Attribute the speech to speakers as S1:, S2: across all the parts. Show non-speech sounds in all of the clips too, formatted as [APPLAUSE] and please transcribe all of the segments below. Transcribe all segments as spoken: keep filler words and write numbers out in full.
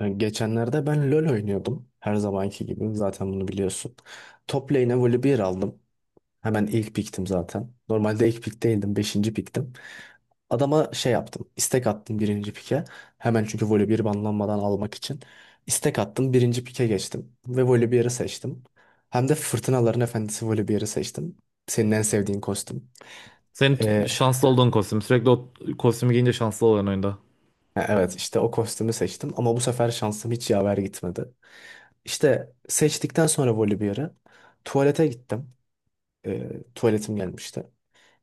S1: Yani geçenlerde ben LoL oynuyordum. Her zamanki gibi. Zaten bunu biliyorsun. Top lane'e Volibear aldım. Hemen ilk piktim zaten. Normalde ilk pik değildim. Beşinci piktim. Adama şey yaptım. İstek attım birinci pike. Hemen çünkü Volibear banlanmadan almak için. İstek attım. Birinci pike geçtim. Ve Volibear'ı seçtim. Hem de Fırtınaların Efendisi Volibear'ı seçtim. Senin en sevdiğin kostüm.
S2: Senin t-
S1: Ee,
S2: şanslı olduğun kostüm. Sürekli o kostümü giyince şanslı oluyorsun oyunda.
S1: evet işte o kostümü seçtim. Ama bu sefer şansım hiç yaver gitmedi. İşte seçtikten sonra Volibear'ı tuvalete gittim. Ee, tuvaletim gelmişti.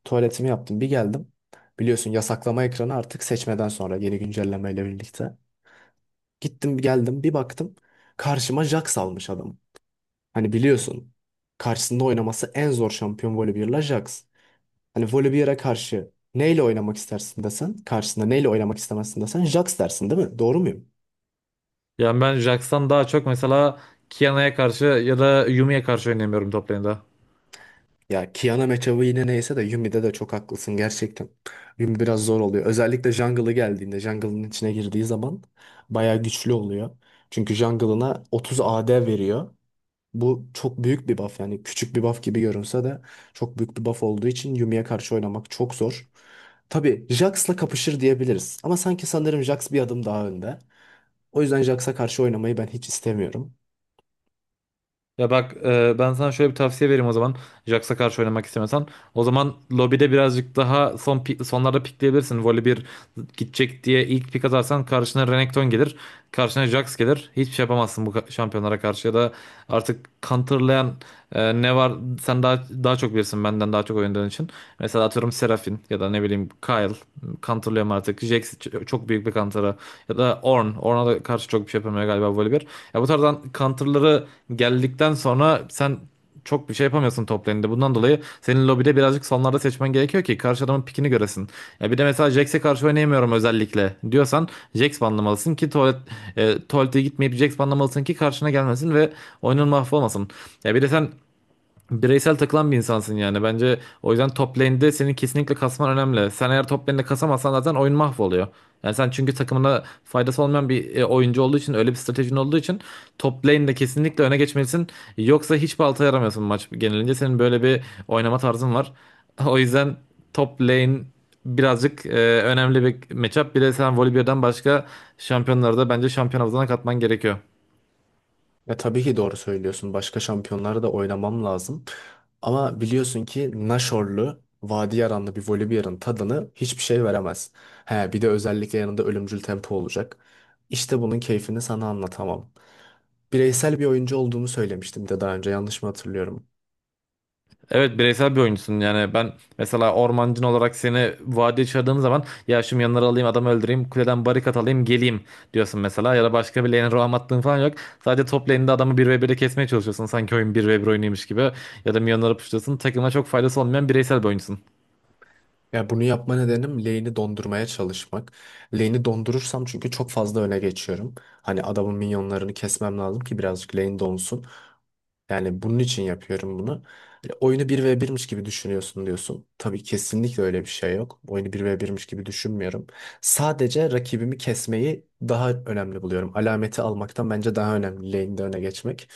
S1: Tuvaletimi yaptım. Bir geldim. Biliyorsun yasaklama ekranı artık seçmeden sonra yeni güncellemeyle birlikte. Gittim geldim bir baktım. Karşıma Jax almış adam. Hani biliyorsun karşısında oynaması en zor şampiyon Volibear'la Jax. Hani Volibear'a karşı neyle oynamak istersin desen, karşısında neyle oynamak istemezsin desen Jax dersin değil mi? Doğru muyum?
S2: Yani ben Jax'tan daha çok mesela Kiana'ya karşı ya da Yumi'ye karşı oynayamıyorum top lane'de.
S1: Ya Kiana matchup'ı yine neyse de Yumi'de de çok haklısın gerçekten. Yumi biraz zor oluyor. Özellikle jungle'ı geldiğinde, jungle'ın içine girdiği zaman bayağı güçlü oluyor. Çünkü jungle'ına otuz A D veriyor. Bu çok büyük bir buff, yani küçük bir buff gibi görünse de çok büyük bir buff olduğu için Yumi'ye karşı oynamak çok zor. Tabii Jax'la kapışır diyebiliriz ama sanki sanırım Jax bir adım daha önde. O yüzden Jax'a karşı oynamayı ben hiç istemiyorum.
S2: Ya bak, e, ben sana şöyle bir tavsiye vereyim o zaman. Jax'a karşı oynamak istemiyorsan, o zaman lobide birazcık daha son pi- sonlarda pikleyebilirsin. Voli bir gidecek diye ilk pik atarsan karşına Renekton gelir. Karşına Jax gelir. Hiçbir şey yapamazsın bu ka- şampiyonlara karşı. Ya da artık counterlayan, e, ne var, sen daha daha çok bilirsin benden daha çok oynadığın için. Mesela atıyorum Seraphine ya da ne bileyim Kayle. Counterlayamam artık artık. Jax ç- çok büyük bir kantara. Ya da Ornn. Ornn'a da karşı çok bir şey yapamıyor galiba böyle bir. Ya bu tarzdan counter'ları geldikten sonra sen çok bir şey yapamıyorsun top lane'de. Bundan dolayı senin lobide birazcık sonlarda seçmen gerekiyor ki karşı adamın pikini göresin. Ya bir de mesela Jax'e karşı oynayamıyorum özellikle diyorsan, Jax banlamalısın ki tuvalet, e, tuvalete gitmeyip Jax banlamalısın ki karşına gelmesin ve oyunun mahvolmasın. Ya bir de sen bireysel takılan bir insansın yani. Bence o yüzden top lane'de senin kesinlikle kasman önemli. Sen eğer top lane'de kasamazsan zaten oyun mahvoluyor. Yani sen, çünkü takımına faydası olmayan bir e, oyuncu olduğu için, öyle bir stratejin olduğu için top lane'de kesinlikle öne geçmelisin. Yoksa hiçbir balta yaramıyorsun maç genelince. Senin böyle bir oynama tarzın var. [LAUGHS] O yüzden top lane birazcık e, önemli bir matchup. Bir de sen Volibear'dan başka şampiyonları da bence şampiyon havuzuna katman gerekiyor.
S1: Ya tabii ki doğru söylüyorsun. Başka şampiyonlara da oynamam lazım. Ama biliyorsun ki Naşorlu, Vadi Yaranlı bir Volibear'ın tadını hiçbir şey veremez. He, bir de özellikle yanında ölümcül tempo olacak. İşte bunun keyfini sana anlatamam. Bireysel bir oyuncu olduğumu söylemiştim de daha önce, yanlış mı hatırlıyorum?
S2: Evet, bireysel bir oyuncusun. Yani ben, mesela ormancın olarak seni vadiye çağırdığım zaman, "ya şu yanları alayım, adamı öldüreyim, kuleden barikat alayım, geleyim" diyorsun mesela, ya da başka bir lane'e roam attığın falan yok. Sadece top lane'de adamı bir ve bire kesmeye çalışıyorsun, sanki oyun bir ve bir oyunuymuş gibi. Ya da minyonları puşluyorsun. Takıma çok faydası olmayan bireysel bir oyuncusun.
S1: Ya bunu yapma nedenim lane'i dondurmaya çalışmak. Lane'i dondurursam çünkü çok fazla öne geçiyorum. Hani adamın minyonlarını kesmem lazım ki birazcık lane donsun. Yani bunun için yapıyorum bunu. Hani oyunu bir ve birmiş gibi düşünüyorsun diyorsun. Tabii kesinlikle öyle bir şey yok. Oyunu bir ve birmiş gibi düşünmüyorum. Sadece rakibimi kesmeyi daha önemli buluyorum. Alameti almaktan bence daha önemli lane'de öne geçmek.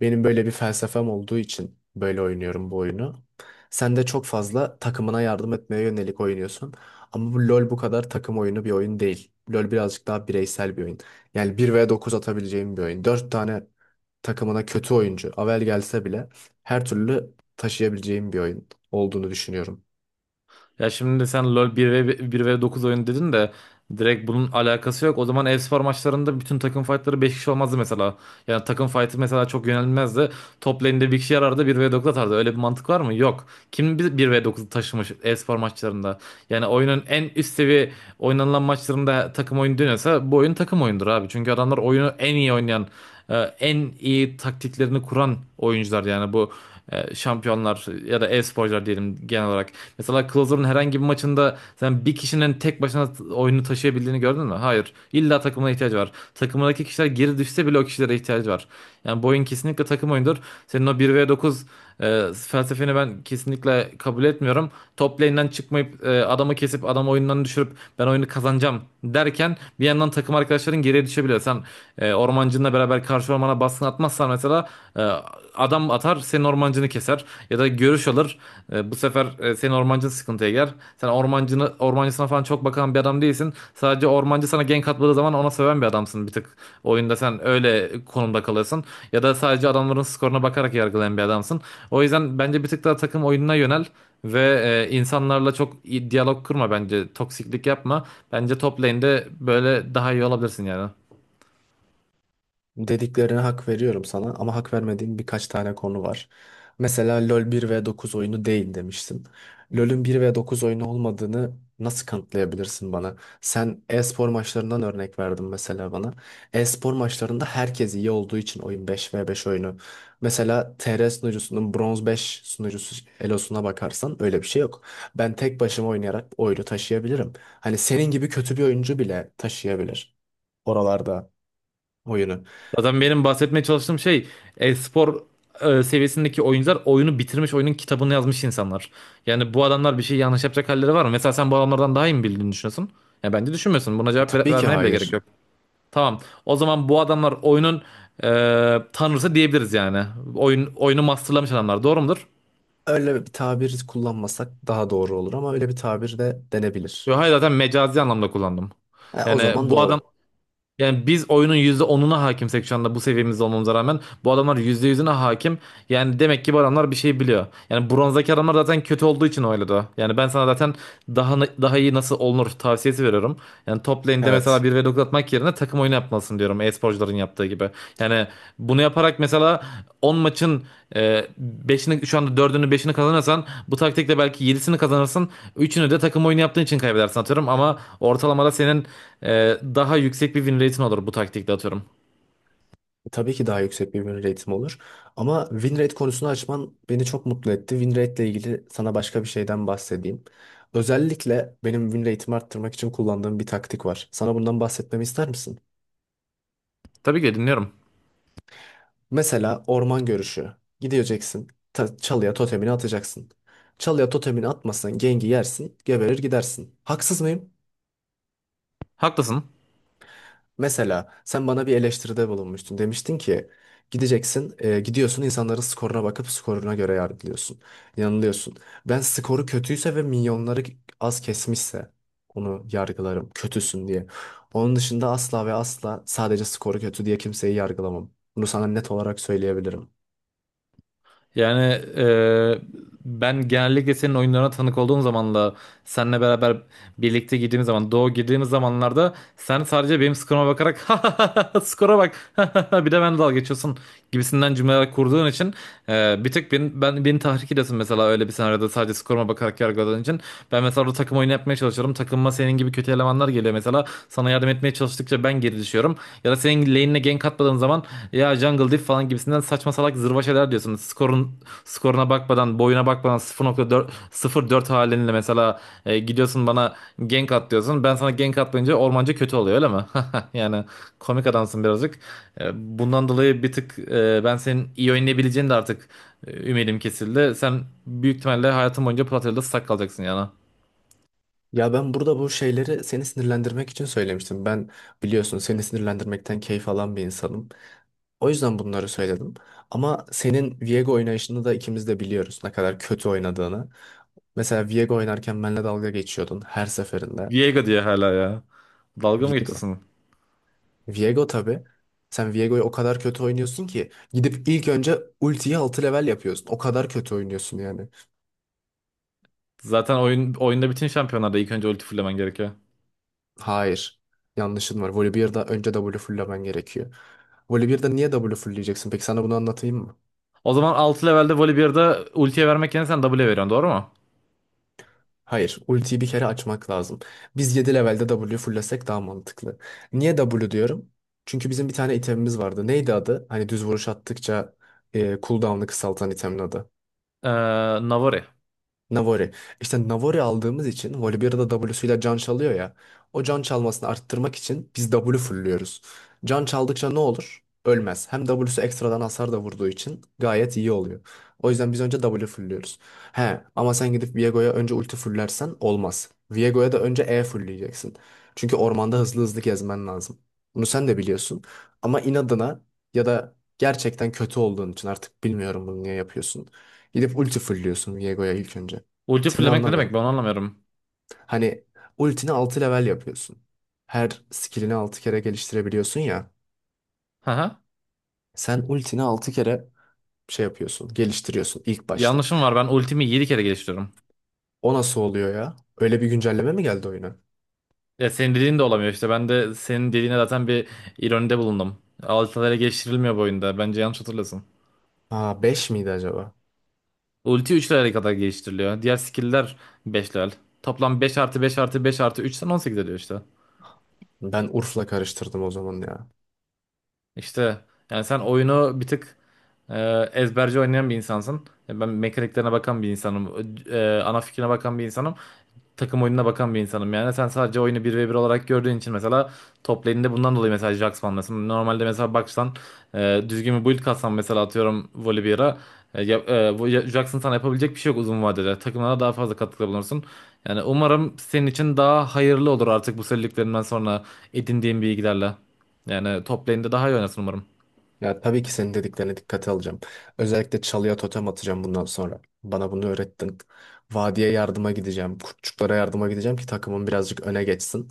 S1: Benim böyle bir felsefem olduğu için böyle oynuyorum bu oyunu. Sen de çok fazla takımına yardım etmeye yönelik oynuyorsun. Ama bu LoL bu kadar takım oyunu bir oyun değil. LoL birazcık daha bireysel bir oyun. Yani bir ve dokuz atabileceğim bir oyun. Dört tane takımına kötü oyuncu Avel gelse bile her türlü taşıyabileceğim bir oyun olduğunu düşünüyorum.
S2: Ya şimdi sen "LoL bir v, bir v dokuz oyunu" dedin de direkt bunun alakası yok. O zaman e-spor maçlarında bütün takım fightları beş kişi olmazdı mesela. Yani takım fight'ı mesela çok yönelmezdi. Top lane'de bir kişi yarardı, bir v dokuz atardı. Öyle bir mantık var mı? Yok. Kim bir v dokuzu taşımış e-spor maçlarında? Yani oyunun en üst seviye oynanılan maçlarında takım oyunu dönüyorsa, bu oyun takım oyundur abi. Çünkü adamlar oyunu en iyi oynayan, e, en iyi taktiklerini kuran oyuncular. Yani bu e, şampiyonlar ya da e-sporcular diyelim genel olarak. Mesela Closer'ın herhangi bir maçında sen bir kişinin tek başına oyunu taşıyabildiğini gördün mü? Hayır. İlla takımına ihtiyacı var. Takımdaki kişiler geri düşse bile o o kişilere ihtiyacı var. Yani boyun kesinlikle takım oyundur. Senin o bir v dokuz e, felsefeni ben kesinlikle kabul etmiyorum. Top lane'den çıkmayıp, e, adamı kesip adamı oyundan düşürüp "ben oyunu kazanacağım" derken bir yandan takım arkadaşların geriye düşebiliyor. Sen e, ormancınla beraber karşı ormana baskın atmazsan mesela, e, adam atar senin ormancını keser ya da görüş alır. E, bu sefer e, senin ormancın sıkıntıya girer. Sen ormancını, ormancısına falan çok bakan bir adam değilsin. Sadece ormancı sana gank atmadığı zaman ona söven bir adamsın, bir tık. Oyunda sen öyle konumda kalırsın. Ya da sadece adamların skoruna bakarak yargılayan bir adamsın. O yüzden bence bir tık daha takım oyununa yönel. Ve e, insanlarla çok iyi diyalog kurma bence. Toksiklik yapma. Bence top lane'de böyle daha iyi olabilirsin yani.
S1: Dediklerine hak veriyorum sana ama hak vermediğim birkaç tane konu var. Mesela LoL bir ve dokuz oyunu değil demiştin. LoL'ün bir ve dokuz oyunu olmadığını nasıl kanıtlayabilirsin bana? Sen e-spor maçlarından örnek verdin mesela bana. E-spor maçlarında herkes iyi olduğu için oyun beş ve beş oyunu. Mesela T R sunucusunun bronz beş sunucusu elosuna bakarsan öyle bir şey yok. Ben tek başıma oynayarak oyunu taşıyabilirim. Hani senin gibi kötü bir oyuncu bile taşıyabilir oralarda oyunu.
S2: Zaten benim bahsetmeye çalıştığım şey, e-spor e, seviyesindeki oyuncular oyunu bitirmiş, oyunun kitabını yazmış insanlar. Yani bu adamlar bir şey yanlış yapacak halleri var mı? Mesela sen bu adamlardan daha iyi mi bildiğini düşünüyorsun? Ya bence düşünmüyorsun. Buna cevap ver-
S1: Tabii ki
S2: vermene bile gerek
S1: hayır.
S2: yok. Tamam. O zaman bu adamlar oyunun e, tanrısı diyebiliriz yani. Oyun oyunu masterlamış adamlar. Doğru mudur?
S1: Öyle bir tabir kullanmasak daha doğru olur ama öyle bir tabir de denebilir.
S2: Yok, hayır, zaten mecazi anlamda kullandım.
S1: Ha, o
S2: Yani
S1: zaman
S2: bu
S1: doğru.
S2: Yani biz oyunun yüzde onuna hakimsek, şu anda bu seviyemizde olmamıza rağmen, bu adamlar yüzde yüzüne hakim. Yani demek ki bu adamlar bir şey biliyor. Yani bronzdaki adamlar zaten kötü olduğu için oynadı. Yani ben sana zaten daha daha iyi nasıl olunur tavsiyesi veriyorum. Yani top lane'de mesela
S1: Evet.
S2: bir v dokuz atmak yerine takım oyunu yapmalısın diyorum, e-sporcuların yaptığı gibi. Yani bunu yaparak mesela on maçın e, beşini, şu anda dördünü beşini kazanırsan, bu taktikle belki yedisini kazanırsın. Üçünü de takım oyunu yaptığın için kaybedersin, atıyorum, ama ortalamada senin ee, daha yüksek bir win rate'in olur bu taktikle, atıyorum.
S1: Tabii ki daha yüksek bir win rate'im olur. Ama win rate konusunu açman beni çok mutlu etti. Win rate ile ilgili sana başka bir şeyden bahsedeyim. Özellikle benim win rate'imi arttırmak için kullandığım bir taktik var. Sana bundan bahsetmemi ister misin?
S2: Tabii ki de dinliyorum.
S1: Mesela orman görüşü. Gideceksin, ta- çalıya totemini atacaksın. Çalıya totemini atmasın, gengi yersin, geberir gidersin. Haksız mıyım?
S2: Haklısın.
S1: Mesela sen bana bir eleştiride bulunmuştun. Demiştin ki gideceksin, e, gidiyorsun insanların skoruna bakıp skoruna göre yargılıyorsun. Yanılıyorsun. Ben skoru kötüyse ve milyonları az kesmişse onu yargılarım. Kötüsün diye. Onun dışında asla ve asla sadece skoru kötü diye kimseyi yargılamam. Bunu sana net olarak söyleyebilirim.
S2: Yani e, ben genellikle senin oyunlarına tanık olduğum zamanla, seninle beraber birlikte girdiğimiz zaman, Doğu girdiğimiz zamanlarda sen sadece benim skoruma bakarak [LAUGHS] "ha, skora bak" [LAUGHS] bir de ben dalga geçiyorsun gibisinden cümleler kurduğun için, e, bir tek beni, ben, beni tahrik ediyorsun mesela, öyle bir senaryoda sadece skoruma bakarak yargıladığın için. Ben mesela orada takım oyunu yapmaya çalışıyorum, takımıma senin gibi kötü elemanlar geliyor mesela, sana yardım etmeye çalıştıkça ben geri düşüyorum. Ya da senin lane'ine gank atmadığın zaman "ya, jungle diff" falan gibisinden saçma salak zırva şeyler diyorsun. Skorun skoruna bakmadan, boyuna bakmadan, sıfır virgül dört sıfır virgül dört halinle mesela, e, gidiyorsun bana "gank at" diyorsun. Ben sana gank atmayınca ormancı kötü oluyor öyle mi? [LAUGHS] Yani komik adamsın birazcık. E, bundan dolayı bir tık, e, ben senin iyi oynayabileceğini de artık, e, ümidim kesildi. Sen büyük ihtimalle hayatın boyunca Platya'da sak kalacaksın yani.
S1: Ya ben burada bu şeyleri seni sinirlendirmek için söylemiştim. Ben biliyorsun seni sinirlendirmekten keyif alan bir insanım. O yüzden bunları söyledim. Ama senin Viego oynayışını da ikimiz de biliyoruz ne kadar kötü oynadığını. Mesela Viego oynarken benimle dalga geçiyordun her seferinde.
S2: Viego diye hala ya. Dalga mı
S1: Viego.
S2: geçiyorsun?
S1: Viego tabii. Sen Viego'yu o kadar kötü oynuyorsun ki gidip ilk önce ultiyi altı level yapıyorsun. O kadar kötü oynuyorsun yani.
S2: Zaten oyun oyunda bütün şampiyonlarda ilk önce ulti fullemen gerekiyor.
S1: Hayır. Yanlışın var. Volibear'da önce W fulllemen gerekiyor. Volibear'da niye W fullleyeceksin? Peki sana bunu anlatayım mı?
S2: O zaman altı levelde Volibear'da ultiye vermek yerine sen W'ye veriyorsun, doğru mu?
S1: Hayır, ultiyi bir kere açmak lazım. Biz yedi levelde W fullesek daha mantıklı. Niye W diyorum? Çünkü bizim bir tane itemimiz vardı. Neydi adı? Hani düz vuruş attıkça e, cooldown'ı kısaltan itemin adı.
S2: Ee, Navari.
S1: Navori. İşte Navori aldığımız için Volibear'da W'suyla can çalıyor ya. O can çalmasını arttırmak için biz W fullüyoruz. Can çaldıkça ne olur? Ölmez. Hem W'su ekstradan hasar da vurduğu için gayet iyi oluyor. O yüzden biz önce W fullüyoruz. He ama sen gidip Viego'ya önce ulti fullersen olmaz. Viego'ya da önce E fullleyeceksin. Çünkü ormanda hızlı hızlı gezmen lazım. Bunu sen de biliyorsun. Ama inadına ya da gerçekten kötü olduğun için artık bilmiyorum bunu niye yapıyorsun. Gidip ulti fullliyorsun Viego'ya ilk önce.
S2: Ulti
S1: Seni
S2: fullemek ne demek,
S1: anlamıyorum.
S2: ben onu anlamıyorum.
S1: Hani ultini altı level yapıyorsun. Her skillini altı kere geliştirebiliyorsun ya.
S2: Haha.
S1: Sen ultini altı kere şey yapıyorsun, geliştiriyorsun ilk başta.
S2: Yanlışım var, ben ultimi yedi kere geliştiriyorum.
S1: O nasıl oluyor ya? Öyle bir güncelleme mi geldi oyuna?
S2: Ya senin dediğin de olamıyor işte, ben de senin dediğine zaten bir ironide bulundum. Altı level geliştirilmiyor bu oyunda, bence yanlış hatırlıyorsun.
S1: Aa beş miydi acaba?
S2: Ulti üç level'e kadar geliştiriliyor. Diğer skill'ler beş level. Toplam beş artı beş artı beş artı üçten on sekiz ediyor işte.
S1: Ben Urf'la karıştırdım o zaman ya.
S2: İşte yani sen oyunu bir tık e, ezberci oynayan bir insansın. E, Ben mekaniklerine bakan bir insanım. E, ana fikrine bakan bir insanım, takım oyununa bakan bir insanım yani. Sen sadece oyunu bir ve bir olarak gördüğün için mesela top lane'de bundan dolayı mesela Jaxx, mesela normalde mesela baksan, e, düzgün bir build katsan mesela, atıyorum Volibear'a, e, ya- e, bu ya- Jaxx'ın sana yapabilecek bir şey yok uzun vadede. Takımına daha fazla katkıda bulunursun. Yani umarım senin için daha hayırlı olur artık bu söylediklerinden sonra edindiğin bilgilerle. Yani top lane'de daha iyi oynasın umarım.
S1: Ya tabii ki senin dediklerine dikkate alacağım. Özellikle çalıya totem atacağım bundan sonra. Bana bunu öğrettin. Vadiye yardıma gideceğim. Kurtçuklara yardıma gideceğim ki takımım birazcık öne geçsin.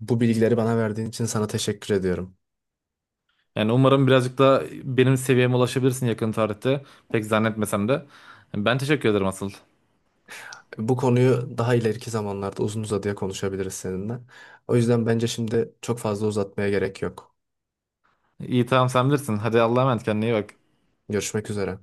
S1: Bu bilgileri bana verdiğin için sana teşekkür ediyorum.
S2: Yani umarım birazcık da benim seviyeme ulaşabilirsin yakın tarihte. Pek zannetmesem de. Ben teşekkür ederim asıl.
S1: Bu konuyu daha ileriki zamanlarda uzun uzadıya konuşabiliriz seninle. O yüzden bence şimdi çok fazla uzatmaya gerek yok.
S2: İyi, tamam, sen bilirsin. Hadi Allah'a emanet, kendine iyi bak.
S1: Görüşmek üzere.